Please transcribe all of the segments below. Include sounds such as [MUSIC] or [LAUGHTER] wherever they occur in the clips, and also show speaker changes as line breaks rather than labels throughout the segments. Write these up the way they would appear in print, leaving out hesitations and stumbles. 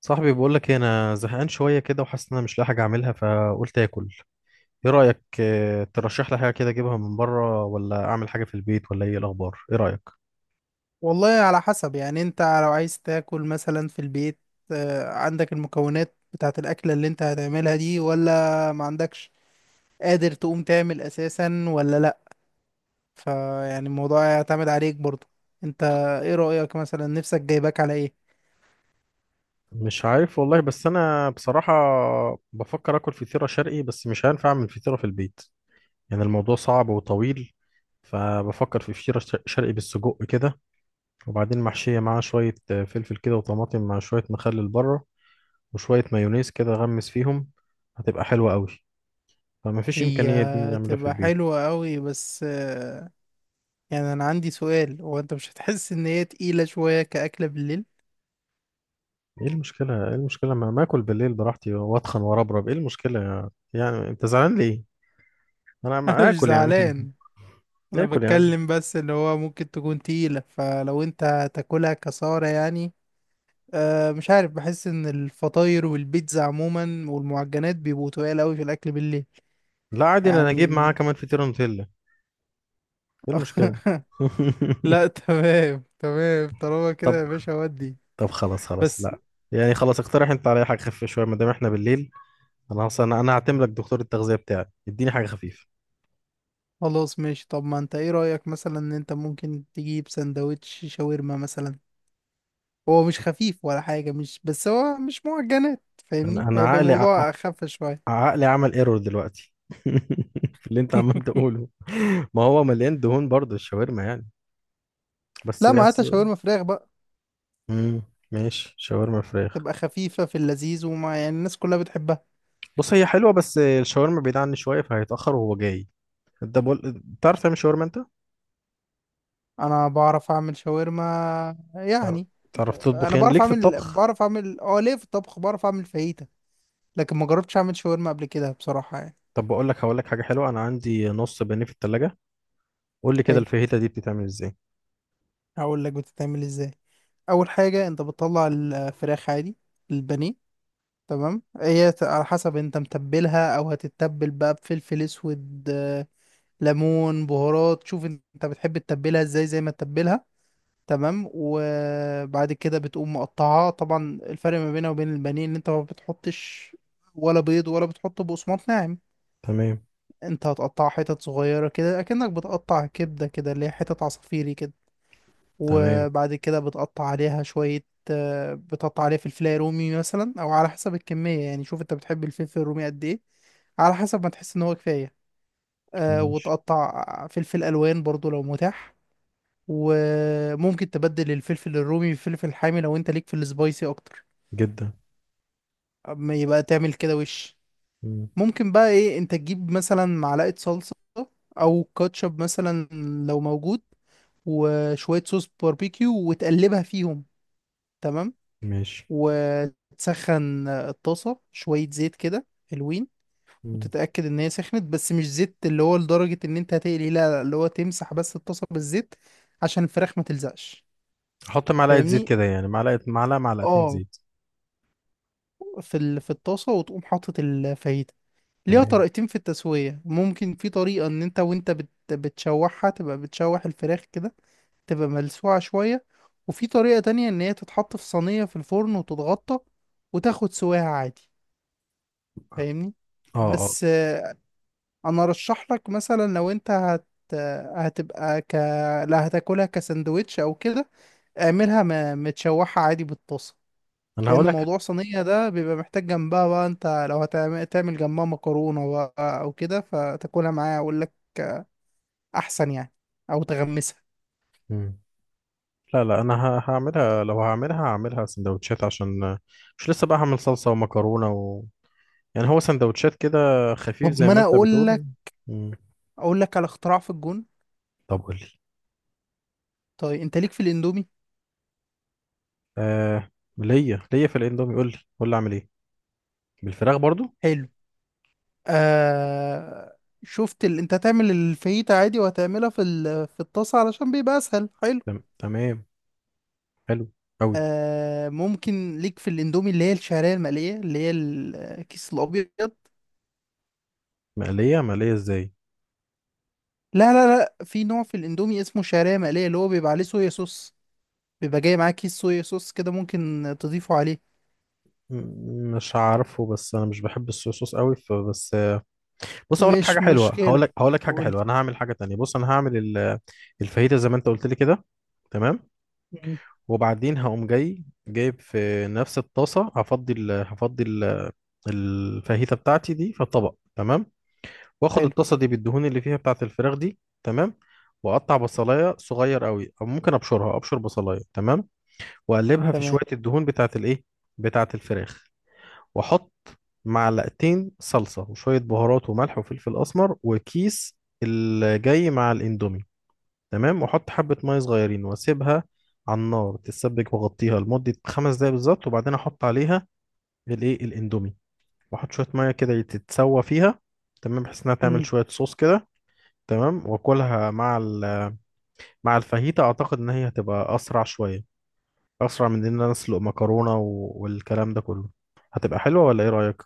صاحبي بقول لك انا زهقان شويه كده، وحاسس ان انا مش لاقي حاجه اعملها فقلت اكل. ايه رايك، ترشح لي حاجه كده اجيبها من بره، ولا اعمل حاجه في البيت، ولا ايه الاخبار؟ ايه رايك؟
والله، على حسب. يعني انت لو عايز تاكل مثلا في البيت، عندك المكونات بتاعت الأكلة اللي انت هتعملها دي ولا ما عندكش؟ قادر تقوم تعمل أساسا ولا لأ؟ فيعني الموضوع يعتمد عليك برضو انت. ايه رأيك مثلا؟ نفسك جايباك على ايه؟
مش عارف والله، بس انا بصراحه بفكر اكل فطيره شرقي، بس مش هينفع اعمل فطيره في البيت. يعني الموضوع صعب وطويل. فبفكر في فطيره شرقي بالسجق كده، وبعدين محشيه معاها شويه فلفل كده وطماطم، مع شويه مخلل بره، وشويه مايونيز كده غمس فيهم. هتبقى حلوه قوي. فما فيش
هي
امكانيه دي نعملها في
تبقى
البيت؟
حلوة قوي بس يعني انا عندي سؤال، هو انت مش هتحس ان هي تقيلة شوية كأكلة بالليل؟
ايه المشكلة؟ ايه المشكلة؟ ما ما اكل بالليل براحتي واتخن واربرب، ايه المشكلة يعني انت زعلان ليه؟ انا
[LAUGHS] انا
ما
مش
اكل يا عم. [LAUGHS]
زعلان، انا
اكل يا عم.
بتكلم بس اللي هو ممكن تكون تقيلة، فلو انت تاكلها كسارة يعني. أه مش عارف، بحس ان الفطاير والبيتزا عموما والمعجنات بيبقوا تقال اوي في الاكل بالليل.
لا عادي، انا
يعني
اجيب معاه كمان فطيرة نوتيلا. ايه المشكلة؟
[LAUGHS]
[LAUGHS]
لا، تمام تمام طالما كده
طب،
يا باشا ودي.
طب خلاص، خلاص
بس
لا. يعني خلاص، اقترح انت عليا حاجة خفيفة شوية ما دام احنا بالليل. انا اصلا، أنا هعتمد لك دكتور التغذية بتاعي، اديني حاجة خفيفة.
خلاص ماشي. طب ما انت ايه رأيك مثلا ان انت ممكن تجيب سندوتش شاورما مثلا؟ هو مش خفيف ولا حاجة، مش بس هو مش معجنات
انا
فاهمني،
انا
هيبقى
عقلي
الموضوع اخف شوية.
عقلي عمل ايرور دلوقتي [LAUGHS] في اللي انت عمال
[LAUGHS]
تقوله. ما هو مليان دهون برضه الشاورما يعني. بس
لا ما هاتها
بس.
شاورما فراخ بقى،
امم ماشي، شاورما فراخ.
تبقى خفيفة في اللذيذ، وما يعني الناس كلها بتحبها.
بص، هي حلوه بس الشاورما بعيد عني شويه، فهيتاخر وهو جاي. انت بقول تعرف تعمل شاورما انت؟
انا بعرف اعمل شاورما
تعرف
يعني.
تعرف تطبخ،
انا
يعني
بعرف
ليك في
اعمل
الطبخ؟
بعرف اعمل اه، ليه في الطبخ بعرف اعمل فاهيتا، لكن ما جربتش اعمل شاورما قبل كده بصراحة يعني.
طب بقول لك، هقول لك حاجه حلوه. انا عندي نص بانيه في التلاجة. قول لي كده،
حلو،
الفاهيتا دي بتتعمل ازاي؟
هقول لك بتتعمل ازاي. اول حاجة انت بتطلع الفراخ عادي، البانيه. تمام، على حسب انت متبلها او هتتبل بقى بفلفل اسود، ليمون، بهارات. شوف انت بتحب تتبلها ازاي، زي ما تتبلها. تمام، وبعد كده بتقوم مقطعها. طبعا الفرق ما بينها وبين البانيه ان انت ما بتحطش ولا بيض ولا بتحط بقسماط ناعم.
تمام.
انت هتقطع حتت صغيرة كده اكنك بتقطع كبدة كده، اللي هي حتت عصافيري كده.
تمام.
وبعد كده بتقطع عليها شوية. بتقطع عليها فلفلاية رومي مثلا، او على حسب الكمية يعني. شوف انت بتحب الفلفل الرومي قد ايه، على حسب ما تحس ان هو كفاية. أه،
ماشي.
وتقطع فلفل الوان برضو لو متاح. وممكن تبدل الفلفل الرومي بفلفل حامي لو انت ليك في السبايسي اكتر.
جدا.
اما يبقى تعمل كده وش،
مم.
ممكن بقى ايه انت تجيب مثلا معلقة صلصة، او كاتشب مثلا لو موجود، وشوية صوص باربيكيو وتقلبها فيهم. تمام،
ماشي.
وتسخن الطاسة شوية زيت كده حلوين.
مم.
وتتأكد ان هي سخنت، بس مش زيت اللي هو لدرجة ان انت هتقلي، لا لا، اللي هو تمسح بس الطاسة بالزيت عشان الفراخ ما تلزقش
احط معلقه زيت
فاهمني.
كده، يعني معلقه، معلقه معلقتين
اه،
زيت؟
في الطاسة، وتقوم حاطط الفاهيتا. ليها
تمام.
طريقتين في التسوية. ممكن في طريقة ان انت بتشوحها، تبقى بتشوح الفراخ كده، تبقى ملسوعة شوية. وفي طريقة تانية ان هي تتحط في صينية في الفرن وتتغطى وتاخد سواها عادي فاهمني.
اه اه،
بس انا ارشح لك مثلا لو انت هتبقى ك لا، هتاكلها كساندوتش او كده، متشوحة عادي بالطاسة.
انا
لان
هقول
موضوع صينيه ده بيبقى محتاج جنبها بقى. انت لو هتعمل جنبها مكرونه بقى او كده، فتاكلها معايا اقول لك احسن يعني، او تغمسها.
لك. لا لا، انا هعملها. لو هعملها، هعملها سندوتشات، عشان مش لسه بقى هعمل صلصة ومكرونة و... يعني هو سندوتشات كده، خفيف
طب
زي
ما
ما
انا
انت
اقول
بتقول.
لك،
مم.
اقول لك على اختراع في الجون.
طب قول لي.
طيب انت ليك في الاندومي؟
آه. ليا، في الاندومي؟ قول لي قول لي، اعمل ايه؟ بالفراخ برضو؟
حلو، آه. انت هتعمل الفاهيتا عادي وهتعملها في الطاسه علشان بيبقى اسهل. حلو
تمام. حلو قوي.
آه. ممكن ليك في الاندومي اللي هي الشعريه المقليه، اللي هي الكيس الابيض.
مقلية؟ مقلية ازاي؟
لا لا لا، في نوع في الاندومي اسمه شعريه مقليه، اللي هو بيبقى عليه صويا صوص، بيبقى جاي معاه كيس صويا صوص كده، ممكن تضيفه عليه.
مش عارفه، بس انا مش بحب الصوص قوي فبس. بص، اقول لك حاجه
مش
حلوه. هقول
مشكلة،
لك هقول لك حاجه
قولي.
حلوه. انا هعمل حاجه تانية. بص، انا هعمل الفاهيتا زي ما انت قلت لي كده. تمام.
مم.
وبعدين هقوم جاي جايب في نفس الطاسة، هفضي ال... الفاهيتة بتاعتي دي في طبق. تمام. واخد
حلو.
الطاسة دي بالدهون اللي فيها بتاعة الفراخ دي. تمام. واقطع بصلاية صغير قوي، او ممكن ابشرها، ابشر بصلاية. تمام. واقلبها في شوية
تمام.
الدهون بتاعة الايه، بتاعة الفراخ. واحط معلقتين صلصة، وشوية بهارات وملح وفلفل اسمر، وكيس الجاي مع الاندومي. تمام. وحط حبة مية صغيرين واسيبها على النار تتسبك، وغطيها لمدة خمس دقايق بالظبط. وبعدين احط عليها الايه، الاندومي. واحط شوية مية كده تتسوى فيها. تمام، بحيث انها تعمل
مم.
شوية صوص كده. تمام. واكلها مع مع الفاهيتا. اعتقد ان هي هتبقى اسرع شوية، اسرع من ان انا اسلق مكرونة والكلام ده كله. هتبقى حلوة ولا ايه رأيك؟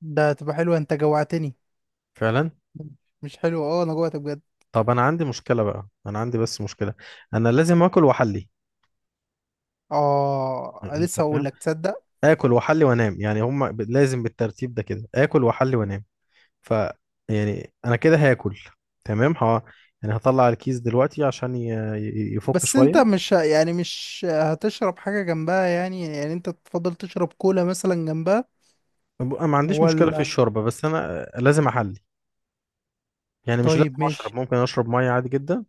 ده تبقى حلوة، انت جوعتني.
فعلا.
مش حلو، اه انا جوعت بجد.
طب انا عندي مشكلة بقى. انا عندي بس مشكلة، انا لازم اكل واحلي.
اه
انت
لسه هقول
فاهم؟
لك، تصدق.
اكل واحلي وانام، يعني هم لازم بالترتيب ده كده، اكل واحلي وانام. ف يعني انا كده هاكل. تمام. ه... يعني هطلع الكيس دلوقتي عشان يفك
بس انت
شويه.
مش ه- يعني مش هتشرب حاجة جنبها يعني؟ يعني انت تفضل تشرب كولا مثلا جنبها
ما عنديش مشكله في
ولا؟
الشوربه، بس انا لازم احلي. يعني مش لازم
طيب
اشرب،
ماشي.
ممكن اشرب ميه عادي جدا.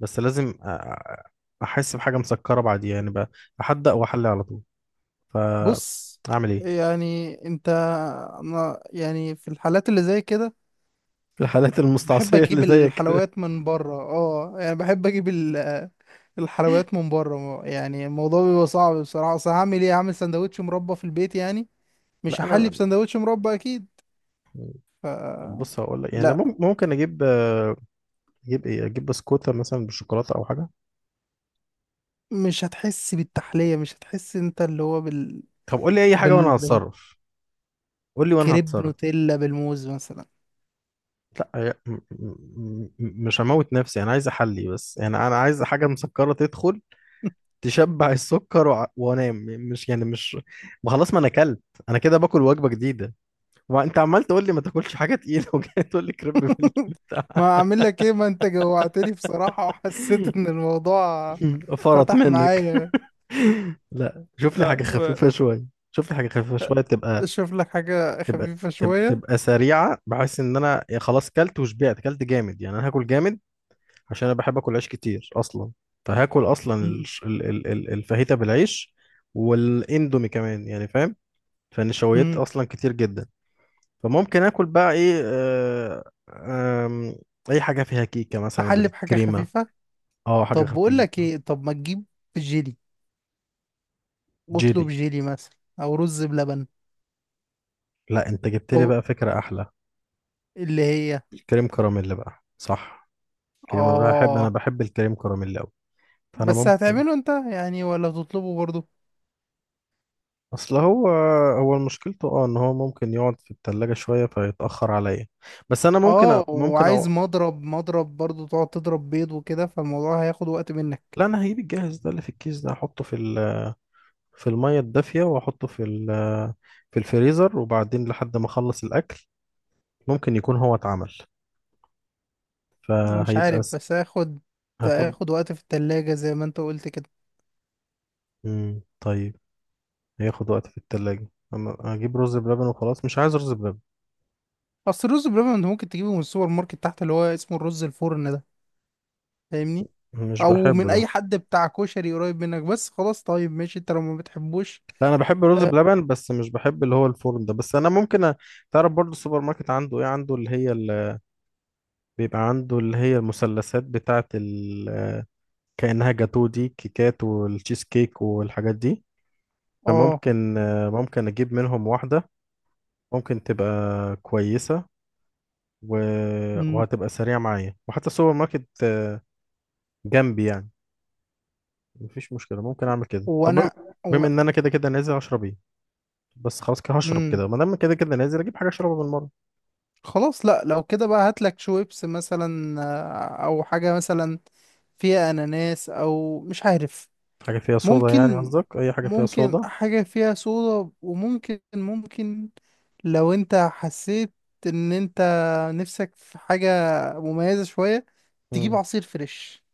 بس لازم احس بحاجه مسكره بعديها يعني بقى، احدق واحلي على طول. ف
بص،
اعمل ايه؟
يعني انت، انا يعني في الحالات اللي زي كده
في الحالات
بحب
المستعصيه اللي
اجيب
زيك كده؟
الحلويات من بره، اه يعني بحب اجيب الحلويات من بره. يعني الموضوع بيبقى صعب بصراحه. اصل هعمل ايه، هعمل سندوتش مربى في البيت يعني؟ مش
لا
هحلي
انا.
بسندوتش مربى اكيد.
طب بص، هقول لك يعني
لا،
ممكن اجيب. اجيب ايه؟ اجيب بسكوتة مثلا بالشوكولاتة او حاجة؟
مش هتحس بالتحليه. مش هتحس انت اللي هو
طب قول لي اي حاجة وانا
بال
هتصرف. قول لي وانا
بالكريب
هتصرف.
نوتيلا بالموز مثلا.
لا مش هموت نفسي، انا عايز احلي بس. يعني انا عايز حاجة مسكرة تدخل تشبع السكر وانام. مش يعني، مش ما خلاص، ما انا اكلت. انا كده باكل وجبة جديدة، وانت عمال تقول لي ما تاكلش حاجة تقيلة [LAUGHS] وجاي تقول لي كريب
[LAUGHS] ما
بالبتاع.
اعمل لك ايه، ما انت جوعتني بصراحه وحسيت ان الموضوع
[LAUGHS] فرط
فتح
منك.
معايا.
[LAUGHS] لا شوف لي حاجة
لا،
خفيفة شوية. شوف لي حاجة خفيفة شوية،
اشوف لك حاجه خفيفه شويه.
تبقى سريعه، بحيث ان انا يا خلاص كلت وشبعت. كلت جامد يعني، انا هاكل جامد، عشان انا بحب اكل عيش كتير اصلا. فهاكل اصلا الفاهيتا بالعيش والاندومي كمان، يعني فاهم؟ فالنشويات
مم.
اصلا كتير جدا. فممكن اكل بقى ايه؟ آم، اي حاجه فيها كيكه مثلا
تحلي بحاجة
بالكريمه.
خفيفة.
اه حاجه
طب بقول لك
خفيفه.
ايه، طب ما تجيب جيلي. اطلب
جيلي؟
جيلي مثلا او رز بلبن.
لا انت جبت لي
او
بقى فكره احلى،
اللي هي،
الكريم كراميل بقى، صح. كريم، انا بحب انا
اه.
بحب الكريم كراميل قوي. فانا
بس
ممكن.
هتعمله انت يعني ولا تطلبه برضو؟
اصل هو، هو مشكلته اه ان هو ممكن يقعد في التلاجة شوية فيتأخر عليا. بس انا ممكن أ...
اه،
ممكن
وعايز
أو...
مضرب برضو، تقعد تضرب بيض وكده، فالموضوع هياخد وقت منك.
لا انا هجيب الجاهز ده اللي في الكيس ده، احطه في ال... في المية الدافية، واحطه في ال... في الفريزر. وبعدين لحد ما اخلص الاكل ممكن يكون هو اتعمل.
مش
فهيبقى
عارف،
س...
بس هياخد
هفضل.
هياخد وقت في التلاجة زي ما انت قلت كده.
مم. طيب. هياخد وقت في التلاجة؟ اما اجيب رز بلبن، وخلاص. مش عايز رز بلبن،
اصل الرز بلبن انت ممكن تجيبه من السوبر ماركت تحت، اللي هو اسمه الرز الفرن ده، فاهمني.
مش
او
بحبه
من
ده.
اي حد بتاع كشري قريب منك. بس خلاص، طيب ماشي انت لو ما بتحبوش.
لا انا بحب الرز
اه.
بلبن، بس مش بحب اللي هو الفرن ده. بس انا ممكن أ... تعرف برضو السوبر ماركت عنده ايه؟ عنده اللي هي ال... بيبقى عنده اللي هي المثلثات بتاعه ال... كأنها جاتو، دي كيكات والتشيز كيك والحاجات دي.
آه.
فممكن ممكن اجيب منهم واحدة. ممكن تبقى كويسة و...
مم.
وهتبقى سريعة معايا. وحتى السوبر ماركت جنبي يعني، مفيش مشكلة. ممكن اعمل كده. طب
وانا،
بما
و...
ان انا كده كده نازل اشرب ايه، بس خلاص كده هشرب
مم.
كده ما دام كده كده نازل، اجيب حاجة اشربها بالمرة.
خلاص، لا لو كده بقى هاتلك شويبس مثلا، او حاجة مثلا فيها اناناس، او مش عارف.
حاجة فيها صودا يعني؟
ممكن
قصدك أي حاجة فيها
ممكن
صودا؟
حاجة فيها صودا وممكن لو انت حسيت ان انت نفسك في حاجة مميزة شوية، تجيب
مم.
عصير فريش.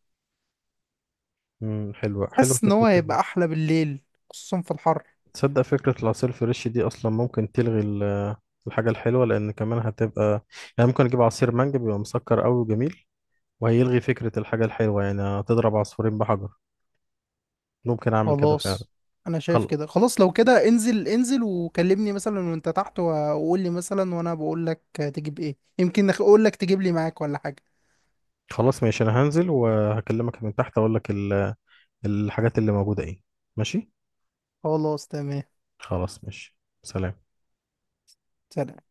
مم. حلوة، حلوة
حاسس ان
فكرة
هو
تانية.
هيبقى احلى بالليل، خصوصا في الحر.
تصدق فكرة العصير الفريش دي أصلا ممكن تلغي الحاجة الحلوة، لأن كمان هتبقى يعني، ممكن أجيب عصير مانجا بيبقى مسكر أوي وجميل، وهيلغي فكرة الحاجة الحلوة. يعني هتضرب عصفورين بحجر. ممكن أعمل كده فعلا.
خلاص، انا شايف
خل...
كده. خلاص لو كده انزل انزل وكلمني مثلا وانت تحت، وقول لي مثلا، وانا بقول لك تجيب ايه، يمكن اقول لك تجيب لي معاك ولا حاجة.
خلاص ماشي، أنا هنزل وهكلمك من تحت، أقول لك الحاجات اللي موجودة إيه. ماشي.
خلاص تمام.
خلاص ماشي، سلام.
سلام.